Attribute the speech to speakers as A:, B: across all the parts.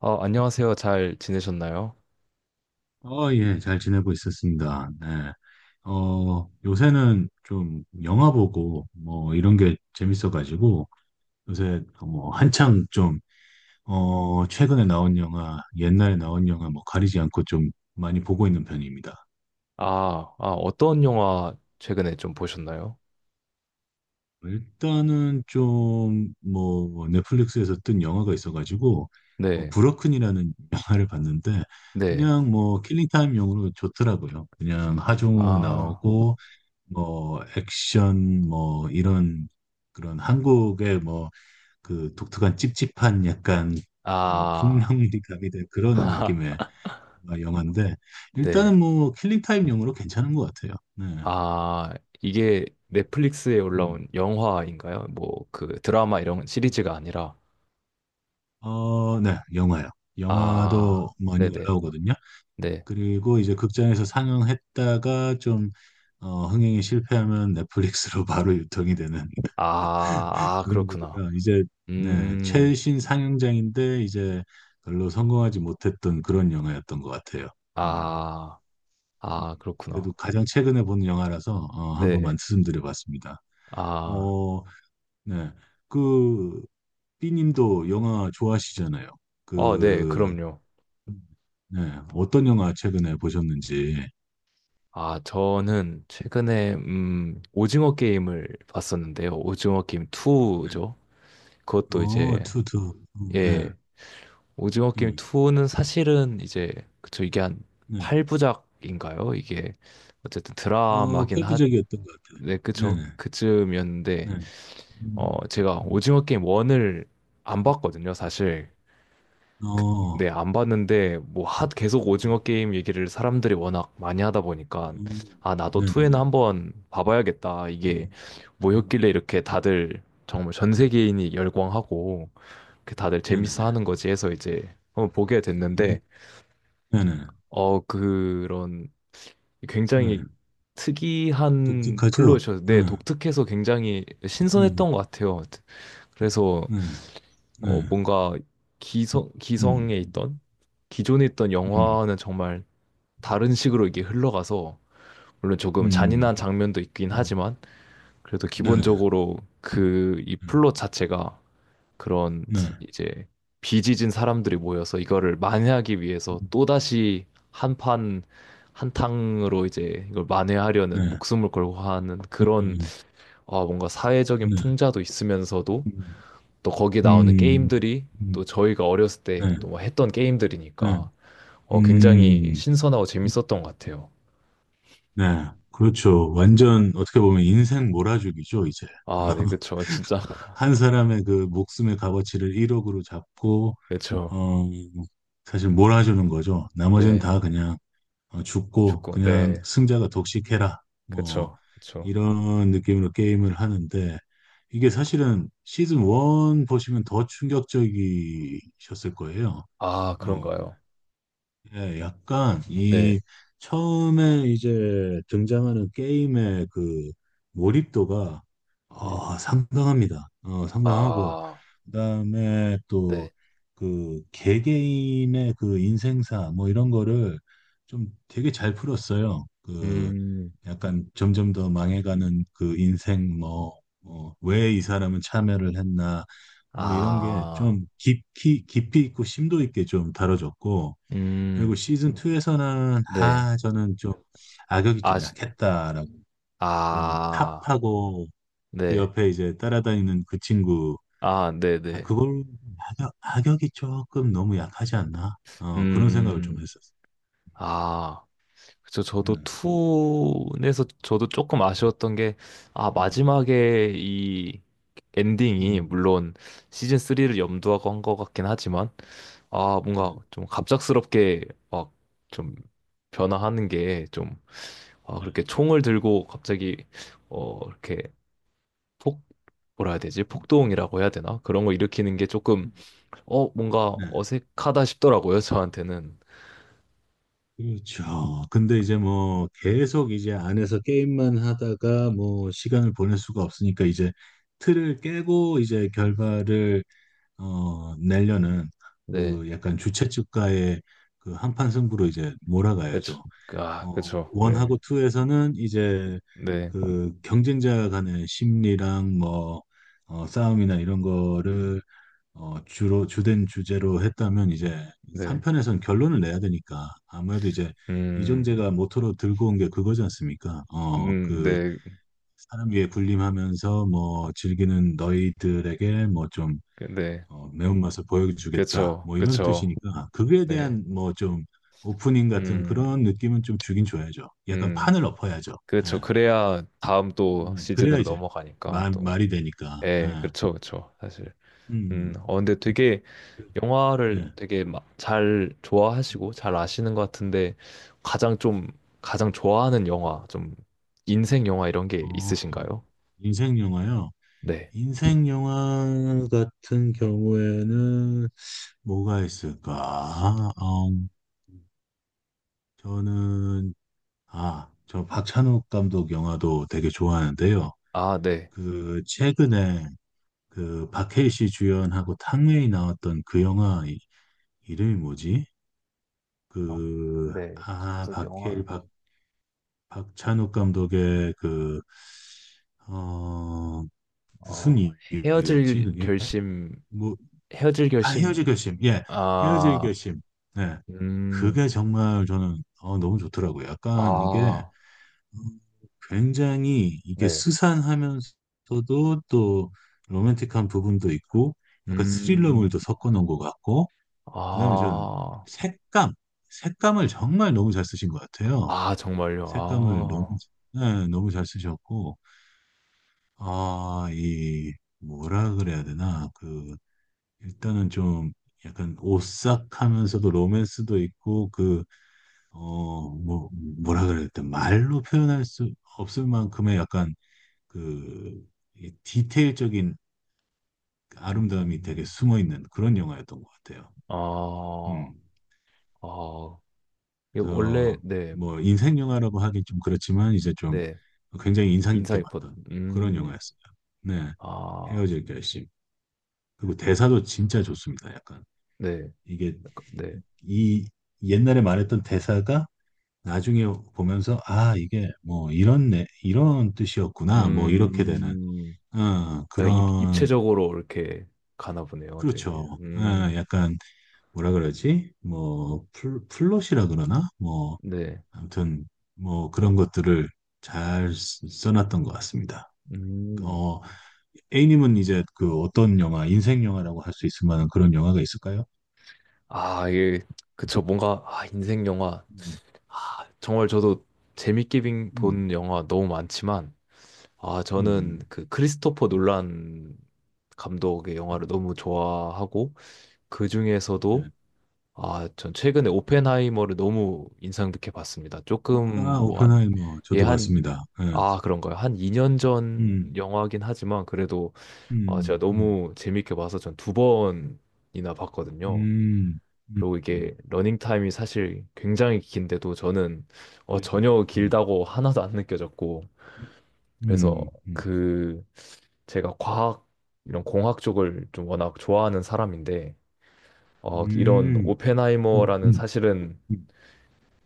A: 아, 안녕하세요. 잘 지내셨나요?
B: 예, 잘 지내고 있었습니다. 네. 요새는 좀 영화 보고 뭐 이런 게 재밌어가지고 요새 뭐 한창 좀, 최근에 나온 영화, 옛날에 나온 영화 뭐 가리지 않고 좀 많이 보고 있는 편입니다.
A: 아, 아, 어떤 영화 최근에 좀 보셨나요?
B: 일단은 좀 뭐 넷플릭스에서 뜬 영화가 있어가지고 뭐
A: 네,
B: 브로큰이라는 영화를 봤는데
A: 네.
B: 그냥 뭐 킬링타임용으로 좋더라고요. 그냥 하정우
A: 아,
B: 나오고 뭐 액션 뭐 이런 그런 한국의 뭐 그 독특한 찝찝한 약간 뭐
A: 아,
B: 폭력미 가미된 그런 느낌의 영화인데
A: 네.
B: 일단은 뭐 킬링 타임 용으로 괜찮은 것 같아요. 네.
A: 아, 이게 넷플릭스에
B: 음.
A: 올라온 영화인가요? 뭐, 그 드라마 이런
B: 음.
A: 시리즈가 아니라.
B: 네, 영화요.
A: 아,
B: 영화도 많이
A: 네네,
B: 올라오거든요.
A: 네.
B: 그리고 이제 극장에서 상영했다가 좀 흥행이 실패하면 넷플릭스로 바로 유통이 되는
A: 아, 아,
B: 그리고
A: 그렇구나.
B: 제가 이제 네,
A: 음,
B: 최신 상영장인데 이제 별로 성공하지 못했던 그런 영화였던 것 같아요. 음,
A: 아,
B: 음.
A: 아, 그렇구나.
B: 그래도 가장 최근에 본 영화라서 한 번만
A: 네.
B: 말씀드려봤습니다.
A: 아,
B: 어, 네, 그 B님도 영화 좋아하시잖아요.
A: 어, 네,
B: 그
A: 그럼요.
B: 네, 어떤 영화 최근에 보셨는지.
A: 아, 저는 최근에 오징어 게임을 봤었는데요. 오징어 게임
B: 네.
A: 2죠. 그것도 이제
B: 투투. 네,
A: 예, 오징어 게임
B: 음,
A: 2는 사실은 이제. 그쵸, 이게 한
B: 네.
A: 8부작인가요? 이게 어쨌든 드라마긴 하.
B: 펄프적이었던 것 같아요.
A: 네, 그쵸.
B: 네네.
A: 그쯤이었는데
B: 네. 음.
A: 어 제가
B: 음.
A: 오징어 게임 1을 안 봤거든요, 사실.
B: 어,
A: 네, 안 봤는데 뭐 하, 계속 오징어
B: 음,
A: 게임 얘기를 사람들이 워낙 많이 하다 보니까, 아, 나도 2에는
B: 네네네.
A: 한번 봐봐야겠다.
B: 음,
A: 이게
B: 음,
A: 뭐였길래 이렇게 다들 정말 전 세계인이 열광하고 그렇게 다들 재밌어
B: 네네네.
A: 하는 거지 해서 이제 한번 보게
B: 음,
A: 됐는데,
B: 네네네.
A: 어, 그런
B: 네.
A: 굉장히 특이한
B: 독특하죠?
A: 플롯이어서,
B: 네,
A: 네, 독특해서 굉장히
B: 네,
A: 신선했던 것 같아요. 그래서
B: 네, 네.
A: 뭔가 기성
B: 음,
A: 기성에 있던 기존에 있던
B: 음,
A: 영화는 정말 다른 식으로 이게 흘러가서, 물론 조금
B: 음,
A: 잔인한 장면도 있긴
B: 음,
A: 하지만 그래도
B: 네,
A: 기본적으로 그 이
B: 음,
A: 플롯 자체가 그런
B: 네,
A: 이제 비지진 사람들이 모여서 이거를 만회하기 위해서
B: 음,
A: 또다시 한판 한탕으로 이제 이걸 만회하려는,
B: 네,
A: 목숨을 걸고 하는 그런,
B: 음,
A: 아 뭔가 사회적인
B: 네,
A: 풍자도 있으면서도
B: 음,
A: 또 거기에 나오는
B: 음,
A: 게임들이 또
B: 음,
A: 저희가 어렸을 때
B: 네,
A: 또 뭐 했던
B: 네,
A: 게임들이니까 어 굉장히
B: 음,
A: 신선하고 재밌었던 것 같아요.
B: 네. 그렇죠. 완전 어떻게 보면 인생 몰아주기죠, 이제.
A: 아, 네, 그쵸. 진짜.
B: 한 사람의 그 목숨의 값어치를 1억으로 잡고
A: 그쵸.
B: 어, 사실 몰아주는 거죠. 나머지는
A: 네.
B: 다 그냥 죽고
A: 축구.
B: 그냥
A: 네.
B: 승자가 독식해라. 뭐
A: 그쵸. 그쵸.
B: 이런 느낌으로 게임을 하는데 이게 사실은 시즌 1 보시면 더 충격적이셨을 거예요.
A: 아,
B: 어,
A: 그런가요?
B: 예, 약간
A: 네.
B: 이 처음에 이제 등장하는 게임의 그 몰입도가
A: 음.
B: 상당합니다. 상당하고
A: 아,
B: 그다음에 또
A: 네.
B: 그 개개인의 그 인생사 뭐 이런 거를 좀 되게 잘 풀었어요. 그
A: 음,
B: 약간 점점 더 망해가는 그 인생 뭐, 왜이 사람은 참여를 했나 뭐 이런 게
A: 아,
B: 좀 깊이 깊이 있고 심도 있게 좀 다뤄졌고 그리고
A: 음,
B: 시즌 2에서는
A: 네.
B: 아 저는 좀 악역이
A: 아,
B: 좀 약했다라고 좀
A: 아,
B: 탑하고 그
A: 네.
B: 옆에 이제 따라다니는 그 친구
A: 아,
B: 아,
A: 네네.
B: 그걸 악역이 조금 너무 약하지 않나? 그런 생각을 좀
A: 음,
B: 했었어.
A: 아. 그쵸. 저도
B: 음,
A: 투에서 저도 조금 아쉬웠던 게, 아,
B: 음.
A: 마지막에 이 엔딩이,
B: 음,
A: 물론 시즌 3를 염두하고 한 것 같긴 하지만, 아, 뭔가
B: 음,
A: 좀 갑작스럽게 막 좀 변화하는 게 좀, 아,
B: 네,
A: 그렇게 총을 들고 갑자기, 이렇게 폭, 뭐라 해야 되지?
B: 음,
A: 폭동이라고 해야 되나? 그런 거 일으키는 게
B: 음,
A: 조금, 어, 뭔가
B: 네.
A: 어색하다 싶더라고요, 저한테는.
B: 그렇죠. 근데 이제 뭐 계속 이제 안에서 게임만 하다가 뭐 시간을 보낼 수가 없으니까 이제 틀을 깨고 이제 결말을 내려는
A: 네.
B: 그 약간 주최 측과의 그 한판 승부로 이제
A: 그쵸.
B: 몰아가야죠.
A: 아, 그쵸. 네.
B: 원하고 투에서는 이제
A: 네.
B: 그 경쟁자 간의 심리랑 뭐 싸움이나 이런 거를 주로 주된 주제로 했다면 이제
A: 네.
B: 3편에선 결론을 내야 되니까 아무래도 이제
A: 음,
B: 이정재가 모토로 들고 온 게 그거지 않습니까? 그
A: 네.
B: 사람 위에 군림하면서 뭐 즐기는 너희들에게 뭐좀
A: 네.
B: 매운맛을 보여주겠다.
A: 그쵸.
B: 뭐 이런
A: 그쵸.
B: 뜻이니까 그거에
A: 네.
B: 대한 뭐 좀 오프닝 같은
A: 음,
B: 그런 느낌은 좀 주긴 줘야죠. 약간
A: 음.
B: 판을 엎어야죠. 예.
A: 그쵸. 그래야 다음 또
B: 그래야
A: 시즌으로
B: 이제
A: 넘어가니까
B: 말,
A: 또.
B: 말이 되니까.
A: 예,
B: 예.
A: 그렇죠, 그렇죠. 사실.
B: 음.
A: 근데 되게 영화를
B: 네.
A: 되게 막 잘 좋아하시고 잘 아시는 것 같은데, 가장 좀 가장 좋아하는 영화, 좀 인생 영화 이런 게
B: 어,
A: 있으신가요?
B: 인생 영화요.
A: 네.
B: 인생 영화 같은 경우에는 뭐가 있을까? 어, 저는 아, 저 박찬욱 감독 영화도 되게 좋아하는데요.
A: 아, 네.
B: 그 최근에 그 박해일 씨 주연하고 탕웨이 나왔던 그 영화 이름이 뭐지?
A: 아,
B: 그
A: 네,
B: 아
A: 저도
B: 박해일
A: 영화,
B: 박 박찬욱 감독의 그 어 무슨
A: 어,
B: 이유였지
A: 헤어질
B: 그게?
A: 결심,
B: 뭐
A: 헤어질
B: 아
A: 결심,
B: 헤어질 결심 예 헤어질
A: 아,
B: 결심 네
A: 음,
B: 그게 정말 저는 너무 좋더라고요. 약간 이게
A: 아,
B: 음, 굉장히 이게
A: 네,
B: 스산하면서도 또 로맨틱한 부분도 있고 약간
A: 음,
B: 스릴러물도 섞어 놓은 것 같고 그다음에 저는
A: 아,
B: 색감 색감을 정말 너무 잘 쓰신 것 같아요.
A: 아, 정말요,
B: 색감을 너무
A: 아.
B: 네, 너무 잘 쓰셨고 아, 이 뭐라 그래야 되나 그 일단은 좀 약간 오싹하면서도 로맨스도 있고 그 어 뭐 뭐라 그래야 되 말로 표현할 수 없을 만큼의 약간 그, 이 디테일적인 아름다움이 되게
A: 음,
B: 숨어 있는 그런 영화였던 것 같아요.
A: 아,
B: 음.
A: 아, 이거 원래,
B: 그래서
A: 네,
B: 뭐 인생 영화라고 하긴 좀 그렇지만 이제 좀
A: 네,
B: 굉장히 인상
A: 인사
B: 깊게
A: 깊었,
B: 봤던 그런
A: 음,
B: 영화였어요. 네.
A: 아,
B: 헤어질 결심. 그리고 대사도 진짜 좋습니다. 약간
A: 네,
B: 이게
A: 약간, 네,
B: 이 옛날에 말했던 대사가 나중에 보면서 아 이게 뭐 이런 내 이런 뜻이었구나 뭐 이렇게 되는
A: 음, 약간
B: 그런
A: 입체적으로 이렇게 가나 보네요, 되게,
B: 그렇죠.
A: 음,
B: 약간 뭐라 그러지? 뭐 플롯이라 그러나? 뭐
A: 네,
B: 아무튼 뭐 그런 것들을 잘 써놨던 것 같습니다.
A: 음,
B: 어, A님은 이제 그 어떤 영화, 인생 영화라고 할 수 있을 만한 그런 영화가 있을까요?
A: 아, 이게, 그쵸, 뭔가, 아, 인생 영화,
B: 음,
A: 아, 정말 저도 재밌게
B: 음,
A: 본 영화 너무 많지만, 아, 저는
B: 음,
A: 그 크리스토퍼
B: 음,
A: 놀란 감독의 영화를
B: 음,
A: 너무 좋아하고, 그
B: 네.
A: 중에서도, 아, 전 최근에 오펜하이머를 너무 인상 깊게 봤습니다. 조금
B: 아,
A: 뭐 한,
B: 오펜하이머
A: 예,
B: 저도
A: 한,
B: 봤습니다. 네.
A: 아, 그런가요? 한 2년
B: 음,
A: 전 영화긴 하지만 그래도 아, 제가
B: 음, 음,
A: 너무 재밌게 봐서 전 두 번이나 봤거든요.
B: 음, 음,
A: 그리고
B: 음,
A: 이게 러닝 타임이 사실 굉장히 긴데도 저는
B: 그죠.
A: 전혀
B: 음,
A: 길다고 하나도 안 느껴졌고, 그래서
B: 음, 음,
A: 그 제가 과학 이런 공학 쪽을 좀 워낙 좋아하는 사람인데, 이런
B: 음, 음,
A: 오펜하이머라는 사실은,
B: 음,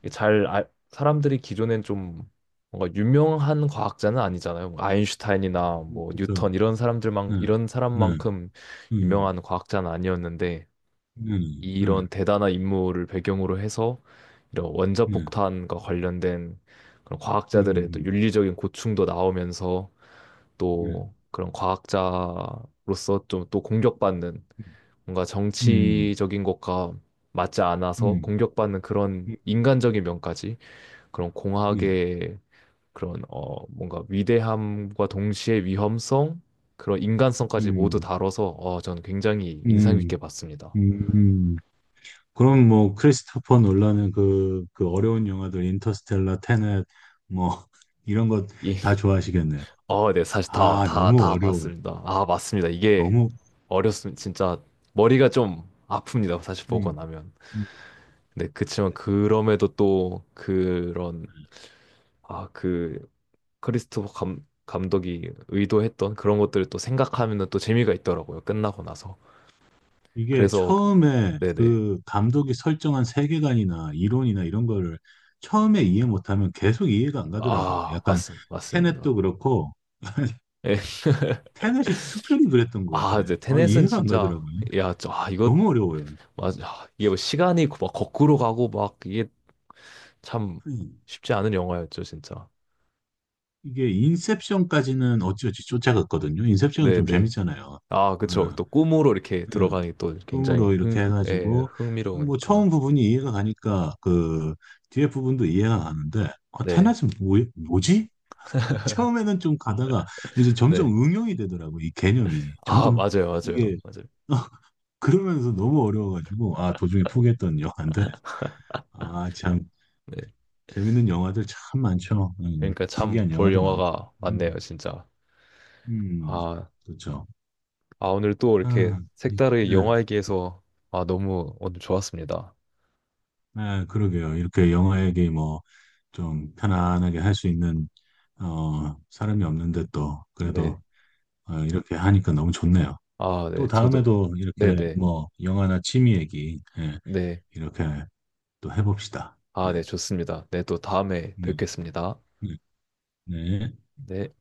A: 이게 사람들이 기존엔 좀 뭔가 유명한 과학자는 아니잖아요. 뭐 아인슈타인이나 뭐
B: 그죠.
A: 뉴턴 이런 사람들만
B: 네,
A: 이런
B: 네,
A: 사람만큼
B: 음.
A: 유명한 과학자는 아니었는데,
B: 네, 네,
A: 이런 대단한 인물을 배경으로 해서 이런
B: 네,
A: 원자폭탄과 관련된 그런 과학자들의 또
B: 음,
A: 윤리적인 고충도 나오면서,
B: 네,
A: 또 그런 과학자로서 좀 또 공격받는,
B: 네.
A: 뭔가
B: 음,
A: 정치적인 것과 맞지 않아서
B: 음,
A: 공격받는 그런
B: 음,
A: 인간적인 면까지, 그런
B: 네,
A: 공학의 그런 뭔가 위대함과 동시에 위험성, 그런 인간성까지 모두
B: 음,
A: 다뤄서 전 굉장히 인상 깊게
B: 음,
A: 봤습니다.
B: 음. 그럼 뭐 크리스토퍼 놀라는 그 어려운 영화들 인터스텔라, 테넷 뭐 이런 것
A: 이
B: 다 좋아하시겠네요.
A: 어, 네, 사실
B: 아, 너무
A: 다
B: 어려워요.
A: 봤습니다. 아, 맞습니다. 이게
B: 너무
A: 어렸으면 진짜 머리가 좀 아픕니다. 사실 보고
B: 음,
A: 나면.
B: 음.
A: 근데 그치만 그럼에도 또 그런, 아, 그 크리스토퍼 감독이 의도했던 그런 것들을 또 생각하면은 또 재미가 있더라고요. 끝나고 나서.
B: 이게
A: 그래서,
B: 처음에
A: 네네.
B: 그 감독이 설정한 세계관이나 이론이나 이런 거를 처음에 이해 못하면 계속 이해가 안 가더라고요.
A: 아,
B: 약간
A: 맞습니다.
B: 테넷도 그렇고
A: 예.
B: 테넷이 특별히 그랬던 것
A: 아,
B: 같아.
A: 이제
B: 아,
A: 테넷은
B: 이해가 안
A: 진짜,
B: 가더라고요.
A: 야, 저, 아, 이거,
B: 너무 어려워요.
A: 맞아. 아, 이게 뭐 시간이 막 거꾸로 가고 막 이게 참
B: 음.
A: 쉽지 않은 영화였죠, 진짜.
B: 이게 인셉션까지는 어찌어찌 쫓아갔거든요. 인셉션은
A: 네,
B: 좀
A: 네.
B: 재밌잖아요.
A: 아, 그쵸.
B: 응,
A: 또 꿈으로 이렇게
B: 응.
A: 들어가니 또 굉장히
B: 꿈으로 이렇게
A: 예,
B: 해가지고 뭐
A: 흥미로우니까.
B: 처음 부분이 이해가 가니까 그 뒤에 부분도 이해가 가는데 아,
A: 네,
B: 테넷은 뭐지? 처음에는 좀 가다가 이제 점점
A: 네.
B: 응용이 되더라고 이 개념이
A: 아,
B: 점점
A: 맞아요, 맞아요,
B: 이게
A: 맞아요.
B: 그러면서 너무 어려워가지고 아 도중에 포기했던 영화인데 아참
A: 네.
B: 재밌는 영화들 참 많죠.
A: 그러니까 참
B: 특이한
A: 볼
B: 영화도 많고.
A: 영화가
B: 음,
A: 많네요, 진짜.
B: 음,
A: 아,
B: 그렇죠.
A: 아, 오늘 또 이렇게
B: 아,
A: 색다르게
B: 네,
A: 영화 얘기해서, 아, 너무 오늘 좋았습니다.
B: 아, 그러게요. 이렇게 영화 얘기 뭐 좀 편안하게 할 수 있는 사람이 없는데 또
A: 네.
B: 그래도 이렇게 하니까 너무 좋네요.
A: 아,
B: 또
A: 네, 저도.
B: 다음에도 이렇게
A: 네네.
B: 뭐 영화나 취미 얘기 예,
A: 네.
B: 이렇게 또 해봅시다.
A: 아,
B: 네,
A: 네, 좋습니다. 네, 또 다음에
B: 네,
A: 뵙겠습니다.
B: 네. 네.
A: 네.